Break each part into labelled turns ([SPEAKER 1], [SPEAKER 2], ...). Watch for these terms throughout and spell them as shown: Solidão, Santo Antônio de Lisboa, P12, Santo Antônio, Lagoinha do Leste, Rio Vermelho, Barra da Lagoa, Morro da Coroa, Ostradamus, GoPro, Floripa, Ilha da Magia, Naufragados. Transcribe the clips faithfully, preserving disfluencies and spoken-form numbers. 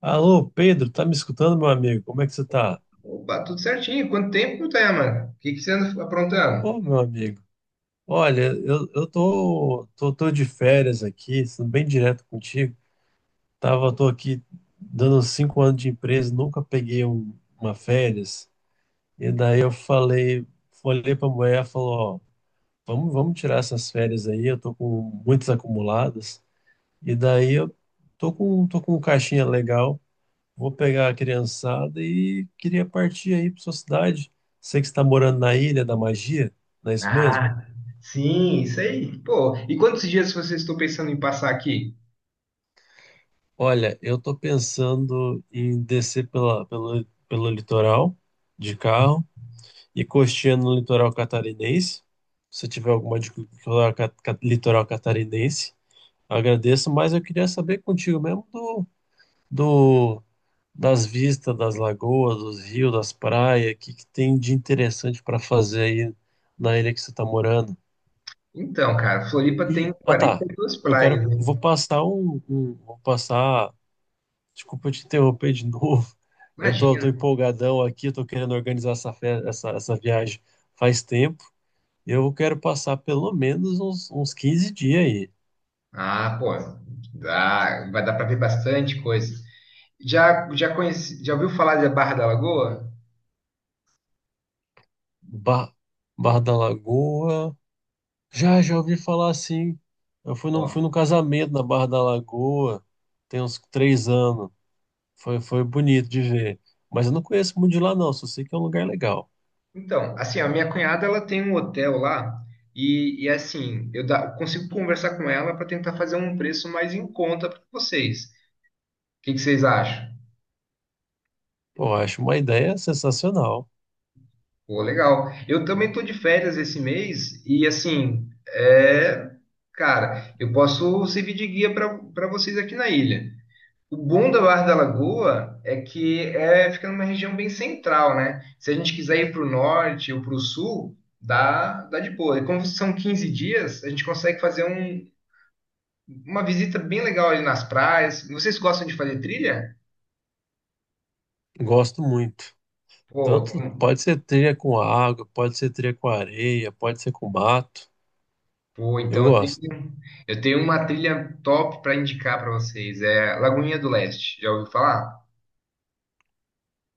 [SPEAKER 1] Alô, Pedro, tá me escutando, meu amigo? Como é que você tá?
[SPEAKER 2] Opa, tudo certinho. Quanto tempo, Tayaman? O que que você anda aprontando?
[SPEAKER 1] Ô, meu amigo, olha, eu, eu tô, tô, tô de férias aqui, sendo bem direto contigo. Tava, tô aqui dando uns cinco anos de empresa, nunca peguei um- uma férias. E daí eu falei, olhei pra mulher, ela falou, ó, vamos, vamos tirar essas férias aí, eu tô com muitas acumuladas. E daí eu tô com, tô com um caixinha legal. Vou pegar a criançada e queria partir aí para sua cidade. Sei que você está morando na Ilha da Magia, não é isso mesmo?
[SPEAKER 2] Ah, sim, isso aí. Pô, e quantos dias vocês estão pensando em passar aqui?
[SPEAKER 1] Olha, eu tô pensando em descer pela, pelo, pelo litoral de carro e costeando no litoral catarinense. Se tiver alguma dica do litoral ca- ca- litoral catarinense, agradeço, mas eu queria saber contigo mesmo do do das vistas das lagoas, dos rios, das praias, o que, que tem de interessante para fazer aí na ilha que você está morando.
[SPEAKER 2] Então, cara, Floripa tem
[SPEAKER 1] E, ah tá,
[SPEAKER 2] quarenta e duas
[SPEAKER 1] eu quero,
[SPEAKER 2] praias, né?
[SPEAKER 1] vou passar um, um- vou passar, desculpa te interromper de novo, eu tô, tô
[SPEAKER 2] Imagina.
[SPEAKER 1] empolgadão aqui, tô querendo organizar essa, fe- essa, essa viagem faz tempo, eu quero passar pelo menos uns, uns quinze dias aí.
[SPEAKER 2] Ah, pô, dá, vai dar pra ver bastante coisa. Já, já conheci, já ouviu falar da Barra da Lagoa?
[SPEAKER 1] Bar, Bar da Lagoa, já, já ouvi falar assim. Eu fui num, fui
[SPEAKER 2] Ó,
[SPEAKER 1] num casamento na Barra da Lagoa, tem uns três anos. Foi, foi bonito de ver. Mas eu não conheço muito de lá, não, só sei que é um lugar legal.
[SPEAKER 2] então, assim, a minha cunhada, ela tem um hotel lá e, e assim, eu dá- consigo conversar com ela para tentar fazer um preço mais em conta para vocês. que que vocês acham?
[SPEAKER 1] Pô, eu acho uma ideia sensacional.
[SPEAKER 2] Pô, legal. Eu também tô de férias esse mês e assim, é, cara, eu posso servir de guia para para vocês aqui na ilha. O bom da Barra da Lagoa é que é fica numa região bem central, né? Se a gente quiser ir para o norte ou para o sul, dá dá de boa. E como são quinze dias, a gente consegue fazer um, uma visita bem legal ali nas praias. Vocês gostam de fazer trilha?
[SPEAKER 1] Gosto muito.
[SPEAKER 2] Pô,
[SPEAKER 1] Tanto pode ser trilha com água, pode ser trilha com areia, pode ser com mato.
[SPEAKER 2] pô,
[SPEAKER 1] Eu
[SPEAKER 2] então eu tenho,
[SPEAKER 1] gosto.
[SPEAKER 2] eu tenho uma trilha top para indicar para vocês. É Lagoinha do Leste, já ouviu falar?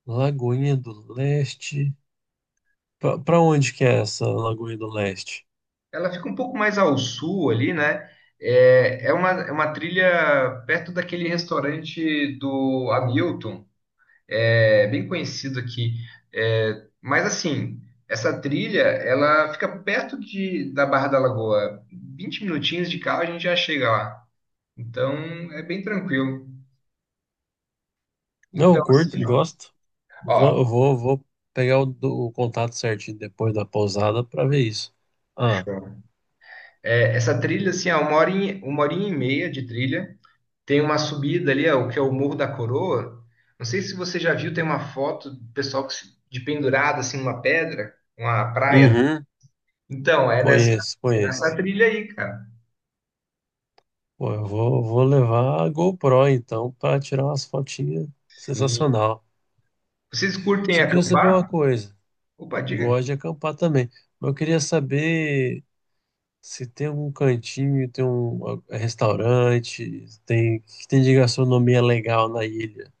[SPEAKER 1] Lagoinha do Leste. Pra, pra onde que é essa Lagoinha do Leste?
[SPEAKER 2] Ela fica um pouco mais ao sul ali, né? É, é uma, é uma trilha perto daquele restaurante do Hamilton, é bem conhecido aqui. É, mas assim, essa trilha, ela fica perto de, da Barra da Lagoa. Vinte minutinhos de carro a gente já chega lá. Então, é bem tranquilo.
[SPEAKER 1] Não,
[SPEAKER 2] Então,
[SPEAKER 1] eu curto,
[SPEAKER 2] assim, ó,
[SPEAKER 1] gosto. Va- Eu
[SPEAKER 2] ó,
[SPEAKER 1] vou, vou pegar o, do- o contato certinho depois da pousada para ver isso. Ah,
[SPEAKER 2] show. É, essa trilha, assim, é uma horinha, uma horinha e meia de trilha. Tem uma subida ali, ó, o que é o Morro da Coroa. Não sei se você já viu, tem uma foto do pessoal que se- de pendurado, assim, numa pedra, uma praia.
[SPEAKER 1] uhum,
[SPEAKER 2] Então, é nessa,
[SPEAKER 1] conheço,
[SPEAKER 2] é nessa
[SPEAKER 1] conheço.
[SPEAKER 2] trilha aí, cara.
[SPEAKER 1] Pô, eu vou, vou levar a GoPro então para tirar umas fotinhas
[SPEAKER 2] Sim.
[SPEAKER 1] sensacional.
[SPEAKER 2] Vocês curtem
[SPEAKER 1] Só queria saber uma
[SPEAKER 2] acampar?
[SPEAKER 1] coisa.
[SPEAKER 2] Opa, diga.
[SPEAKER 1] Gosto de acampar também, mas eu queria saber se tem algum cantinho, tem um ah, restaurante, tem que tem de gastronomia legal na ilha.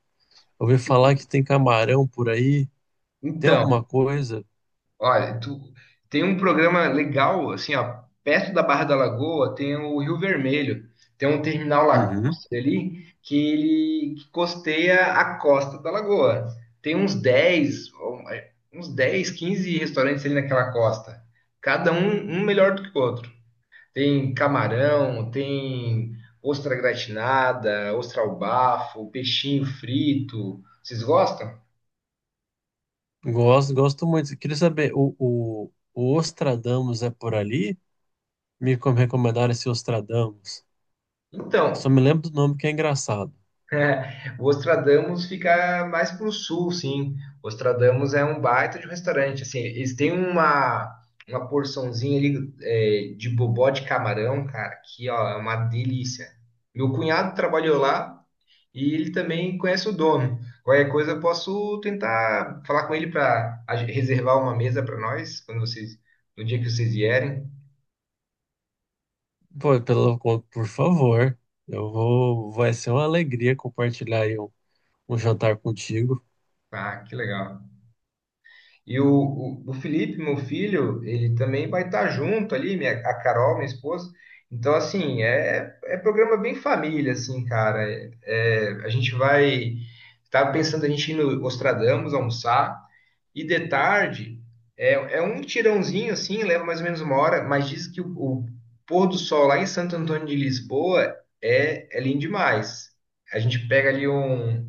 [SPEAKER 1] Eu ouvi falar que tem camarão por aí. Tem
[SPEAKER 2] Então.
[SPEAKER 1] alguma coisa?
[SPEAKER 2] Olha, tu tem um programa legal, assim, ó, perto da Barra da Lagoa tem o Rio Vermelho, tem um terminal
[SPEAKER 1] Uhum.
[SPEAKER 2] lacustre ali que ele que costeia a costa da lagoa. Tem uns dez ou, é, uns dez quinze restaurantes ali naquela costa, cada um, um melhor do que o outro. Tem camarão, tem ostra gratinada, ostra ao bafo, peixinho frito. Vocês gostam?
[SPEAKER 1] Gosto, gosto muito. Queria saber, o, o, o Ostradamus é por ali? Me com- recomendaram esse Ostradamus. Só
[SPEAKER 2] Então,
[SPEAKER 1] me lembro do nome que é engraçado.
[SPEAKER 2] é, o Ostradamus fica mais para o sul, sim. O Ostradamus é um baita de um restaurante. Assim, eles têm uma, uma porçãozinha ali é, de bobó de camarão, cara, que ó, é uma delícia. Meu cunhado trabalhou lá e ele também conhece o dono. Qualquer coisa eu posso tentar falar com ele para reservar uma mesa para nós quando vocês, no dia que vocês vierem.
[SPEAKER 1] Pô, pelo, por favor, eu vou, vai ser uma alegria compartilhar aí um, um jantar contigo.
[SPEAKER 2] Ah, que legal. E o, o, o Felipe, meu filho, ele também vai estar junto ali, minha, a Carol, minha esposa. Então, assim, é, é programa bem família, assim, cara. É, é, a gente vai. Tava pensando a gente ir no Ostradamus almoçar, e de tarde é, é um tirãozinho, assim, leva mais ou menos uma hora, mas diz que o, o pôr do sol lá em Santo Antônio de Lisboa é, é lindo demais. A gente pega ali um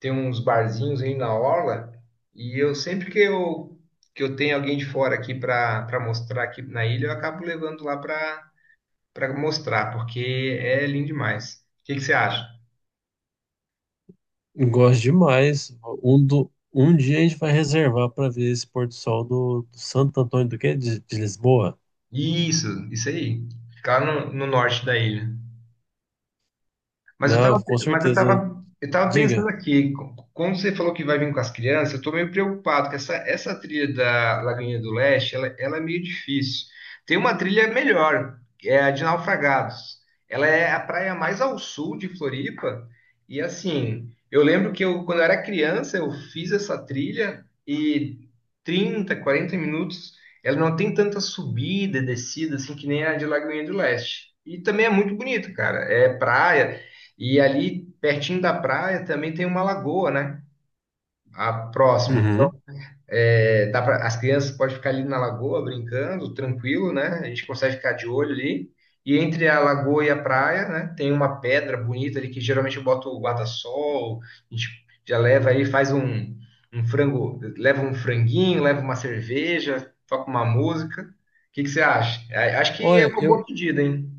[SPEAKER 2] tem uns barzinhos aí na orla e eu sempre que eu que eu tenho alguém de fora aqui para para mostrar aqui na ilha, eu acabo levando lá para para mostrar, porque é lindo demais. O que que você acha?
[SPEAKER 1] Eu gosto demais. Um, do, um dia a gente vai reservar para ver esse pôr do sol do, do Santo Antônio do quê? De, de Lisboa?
[SPEAKER 2] Isso, isso aí. Ficar no, no norte da ilha. Mas eu tava,
[SPEAKER 1] Não, com
[SPEAKER 2] mas eu
[SPEAKER 1] certeza.
[SPEAKER 2] tava, eu tava pensando
[SPEAKER 1] Diga.
[SPEAKER 2] aqui, co- como você falou que vai vir com as crianças, eu tô meio preocupado, que essa, essa trilha da Lagoinha do Leste, ela, ela é meio difícil. Tem uma trilha melhor, que é a de Naufragados. Ela é a praia mais ao sul de Floripa, e assim, eu lembro que eu, quando eu era criança, eu fiz essa trilha e trinta, quarenta minutos, ela não tem tanta subida e descida, assim, que nem a de Lagoinha do Leste. E também é muito bonito, cara. É praia, e ali, pertinho da praia, também tem uma lagoa, né? A próxima. Então,
[SPEAKER 1] Uhum.
[SPEAKER 2] é, dá pra, as crianças podem ficar ali na lagoa brincando, tranquilo, né? A gente consegue ficar de olho ali. E entre a lagoa e a praia, né? Tem uma pedra bonita ali que geralmente eu boto o guarda-sol. A gente já leva aí, faz um, um frango, leva um franguinho, leva uma cerveja, toca uma música. O que que você acha? A- Acho que é
[SPEAKER 1] Olha,
[SPEAKER 2] uma boa
[SPEAKER 1] eu,
[SPEAKER 2] pedida, hein?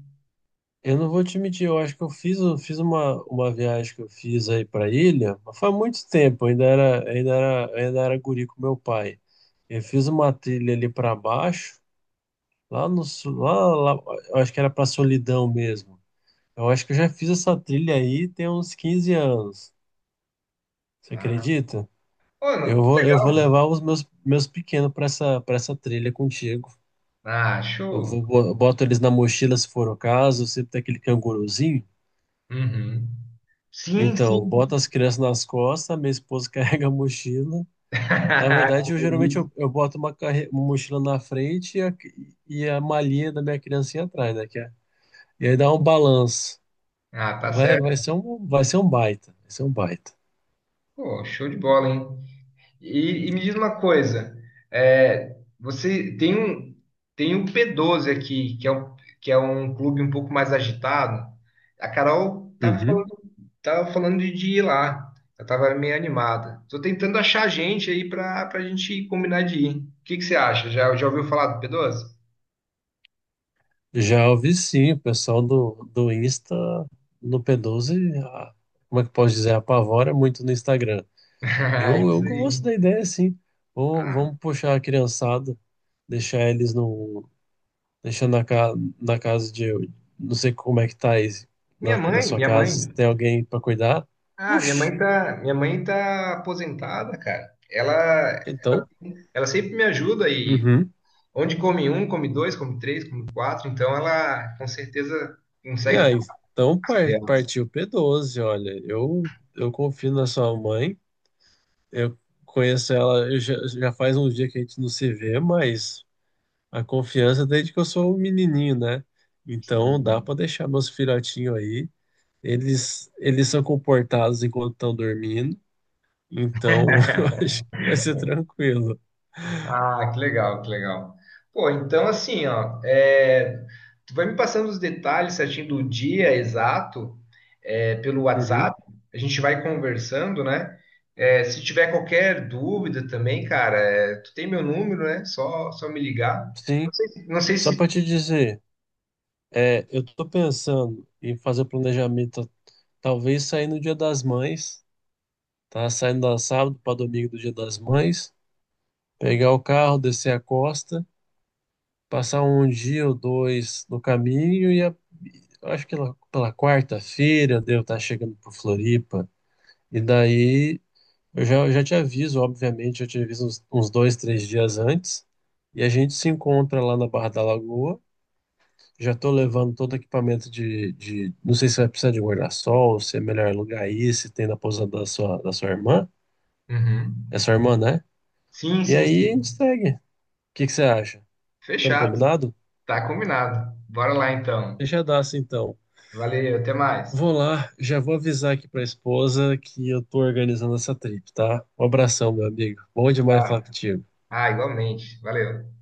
[SPEAKER 1] Eu não vou te mentir, eu acho que eu fiz, eu fiz uma, uma viagem que eu fiz aí para ilha, mas faz muito tempo, ainda era, ainda era, ainda era guri com meu pai. Eu fiz uma trilha ali para baixo, lá no sul, lá, lá, eu acho que era para Solidão mesmo. Eu acho que eu já fiz essa trilha aí tem uns quinze anos. Você
[SPEAKER 2] Ah,
[SPEAKER 1] acredita?
[SPEAKER 2] pô,
[SPEAKER 1] Eu
[SPEAKER 2] que
[SPEAKER 1] vou, eu vou
[SPEAKER 2] legal.
[SPEAKER 1] levar os meus, meus pequenos para essa, para essa trilha contigo.
[SPEAKER 2] Ah,
[SPEAKER 1] Eu
[SPEAKER 2] show.
[SPEAKER 1] vou, bo- boto eles na mochila se for o caso, sempre tem aquele canguruzinho.
[SPEAKER 2] Uhum. Sim,
[SPEAKER 1] Então, boto
[SPEAKER 2] sim.
[SPEAKER 1] as crianças nas costas, minha esposa carrega a mochila. Na verdade, eu
[SPEAKER 2] Que
[SPEAKER 1] geralmente
[SPEAKER 2] isso.
[SPEAKER 1] eu, eu boto uma, carre- uma mochila na frente e a, e a malinha da minha criancinha atrás, né? Que é- e aí dá um balanço.
[SPEAKER 2] Ah, tá
[SPEAKER 1] Vai, vai ser
[SPEAKER 2] certo.
[SPEAKER 1] um, vai ser um baita, vai ser um baita.
[SPEAKER 2] Pô, show de bola, hein? E, e me diz uma coisa, é, você tem um tem o P doze aqui, que é um, que é um clube um pouco mais agitado. A Carol tava
[SPEAKER 1] Uhum.
[SPEAKER 2] falando, tava falando de, de ir lá. Eu tava meio animada. Tô tentando achar gente aí pra, pra gente combinar de ir. O que que você acha? Já, já ouviu falar do P doze?
[SPEAKER 1] Já ouvi sim, o pessoal do, do Insta, no P doze, a- como é que eu posso dizer, apavora muito no Instagram.
[SPEAKER 2] Ah,
[SPEAKER 1] Eu, eu
[SPEAKER 2] isso aí.
[SPEAKER 1] gosto da ideia, sim. Vamos,
[SPEAKER 2] Ah,
[SPEAKER 1] vamos puxar a criançada, deixar eles no deixando na, ca... na casa de. Não sei como é que tá aí
[SPEAKER 2] minha
[SPEAKER 1] na, na
[SPEAKER 2] mãe,
[SPEAKER 1] sua
[SPEAKER 2] minha mãe.
[SPEAKER 1] casa. Tem alguém pra cuidar?
[SPEAKER 2] Ah, minha
[SPEAKER 1] Puxa,
[SPEAKER 2] mãe tá, minha mãe tá aposentada, cara. Ela, ela,
[SPEAKER 1] então.
[SPEAKER 2] ela sempre me ajuda e
[SPEAKER 1] Uhum.
[SPEAKER 2] onde come um, come dois, come três, come quatro, então ela com certeza
[SPEAKER 1] E
[SPEAKER 2] consegue ficar
[SPEAKER 1] aí? Então par-
[SPEAKER 2] criando.
[SPEAKER 1] partiu P doze, olha. Eu, eu confio na sua mãe. Eu conheço ela. Eu já, já faz um dia que a gente não se vê, mas a confiança desde que eu sou um menininho, né? Então dá pra deixar meus filhotinhos aí. Eles, eles são comportados enquanto estão dormindo. Então, eu acho que vai ser tranquilo.
[SPEAKER 2] Ah, que legal, que legal. Pô, então assim, ó, é, tu vai me passando os detalhes certinho do dia exato, é, pelo WhatsApp,
[SPEAKER 1] Uhum,
[SPEAKER 2] a gente vai conversando, né? É, se tiver qualquer dúvida também, cara, é, tu tem meu número, né? Só, só me ligar. Não
[SPEAKER 1] sim.
[SPEAKER 2] sei se, não sei
[SPEAKER 1] Só para
[SPEAKER 2] se...
[SPEAKER 1] te dizer, é, eu tô pensando em fazer o planejamento, talvez sair no Dia das Mães, tá? Saindo da sábado para domingo do Dia das Mães, pegar o carro, descer a costa, passar um dia ou dois no caminho e a- eu acho que lá pela quarta-feira devo estar chegando por Floripa. E daí eu já, já te aviso, obviamente, eu te aviso uns, uns dois, três dias antes. E a gente se encontra lá na Barra da Lagoa. Já estou levando todo o equipamento de, de. Não sei se vai precisar de guarda-sol, se é melhor alugar aí, se tem na pousada da sua, da sua irmã.
[SPEAKER 2] Uhum.
[SPEAKER 1] É sua irmã, né?
[SPEAKER 2] Sim,
[SPEAKER 1] E
[SPEAKER 2] sim,
[SPEAKER 1] aí a gente
[SPEAKER 2] sim.
[SPEAKER 1] segue. O que que você acha? Estamos
[SPEAKER 2] Fechado.
[SPEAKER 1] combinado?
[SPEAKER 2] Tá combinado. Bora lá então.
[SPEAKER 1] Fechadaço, então.
[SPEAKER 2] Valeu, até mais.
[SPEAKER 1] Vou lá, já vou avisar aqui para a esposa que eu estou organizando essa trip, tá? Um abração, meu amigo. Bom demais falar
[SPEAKER 2] Tá.
[SPEAKER 1] contigo.
[SPEAKER 2] Ah, igualmente. Valeu.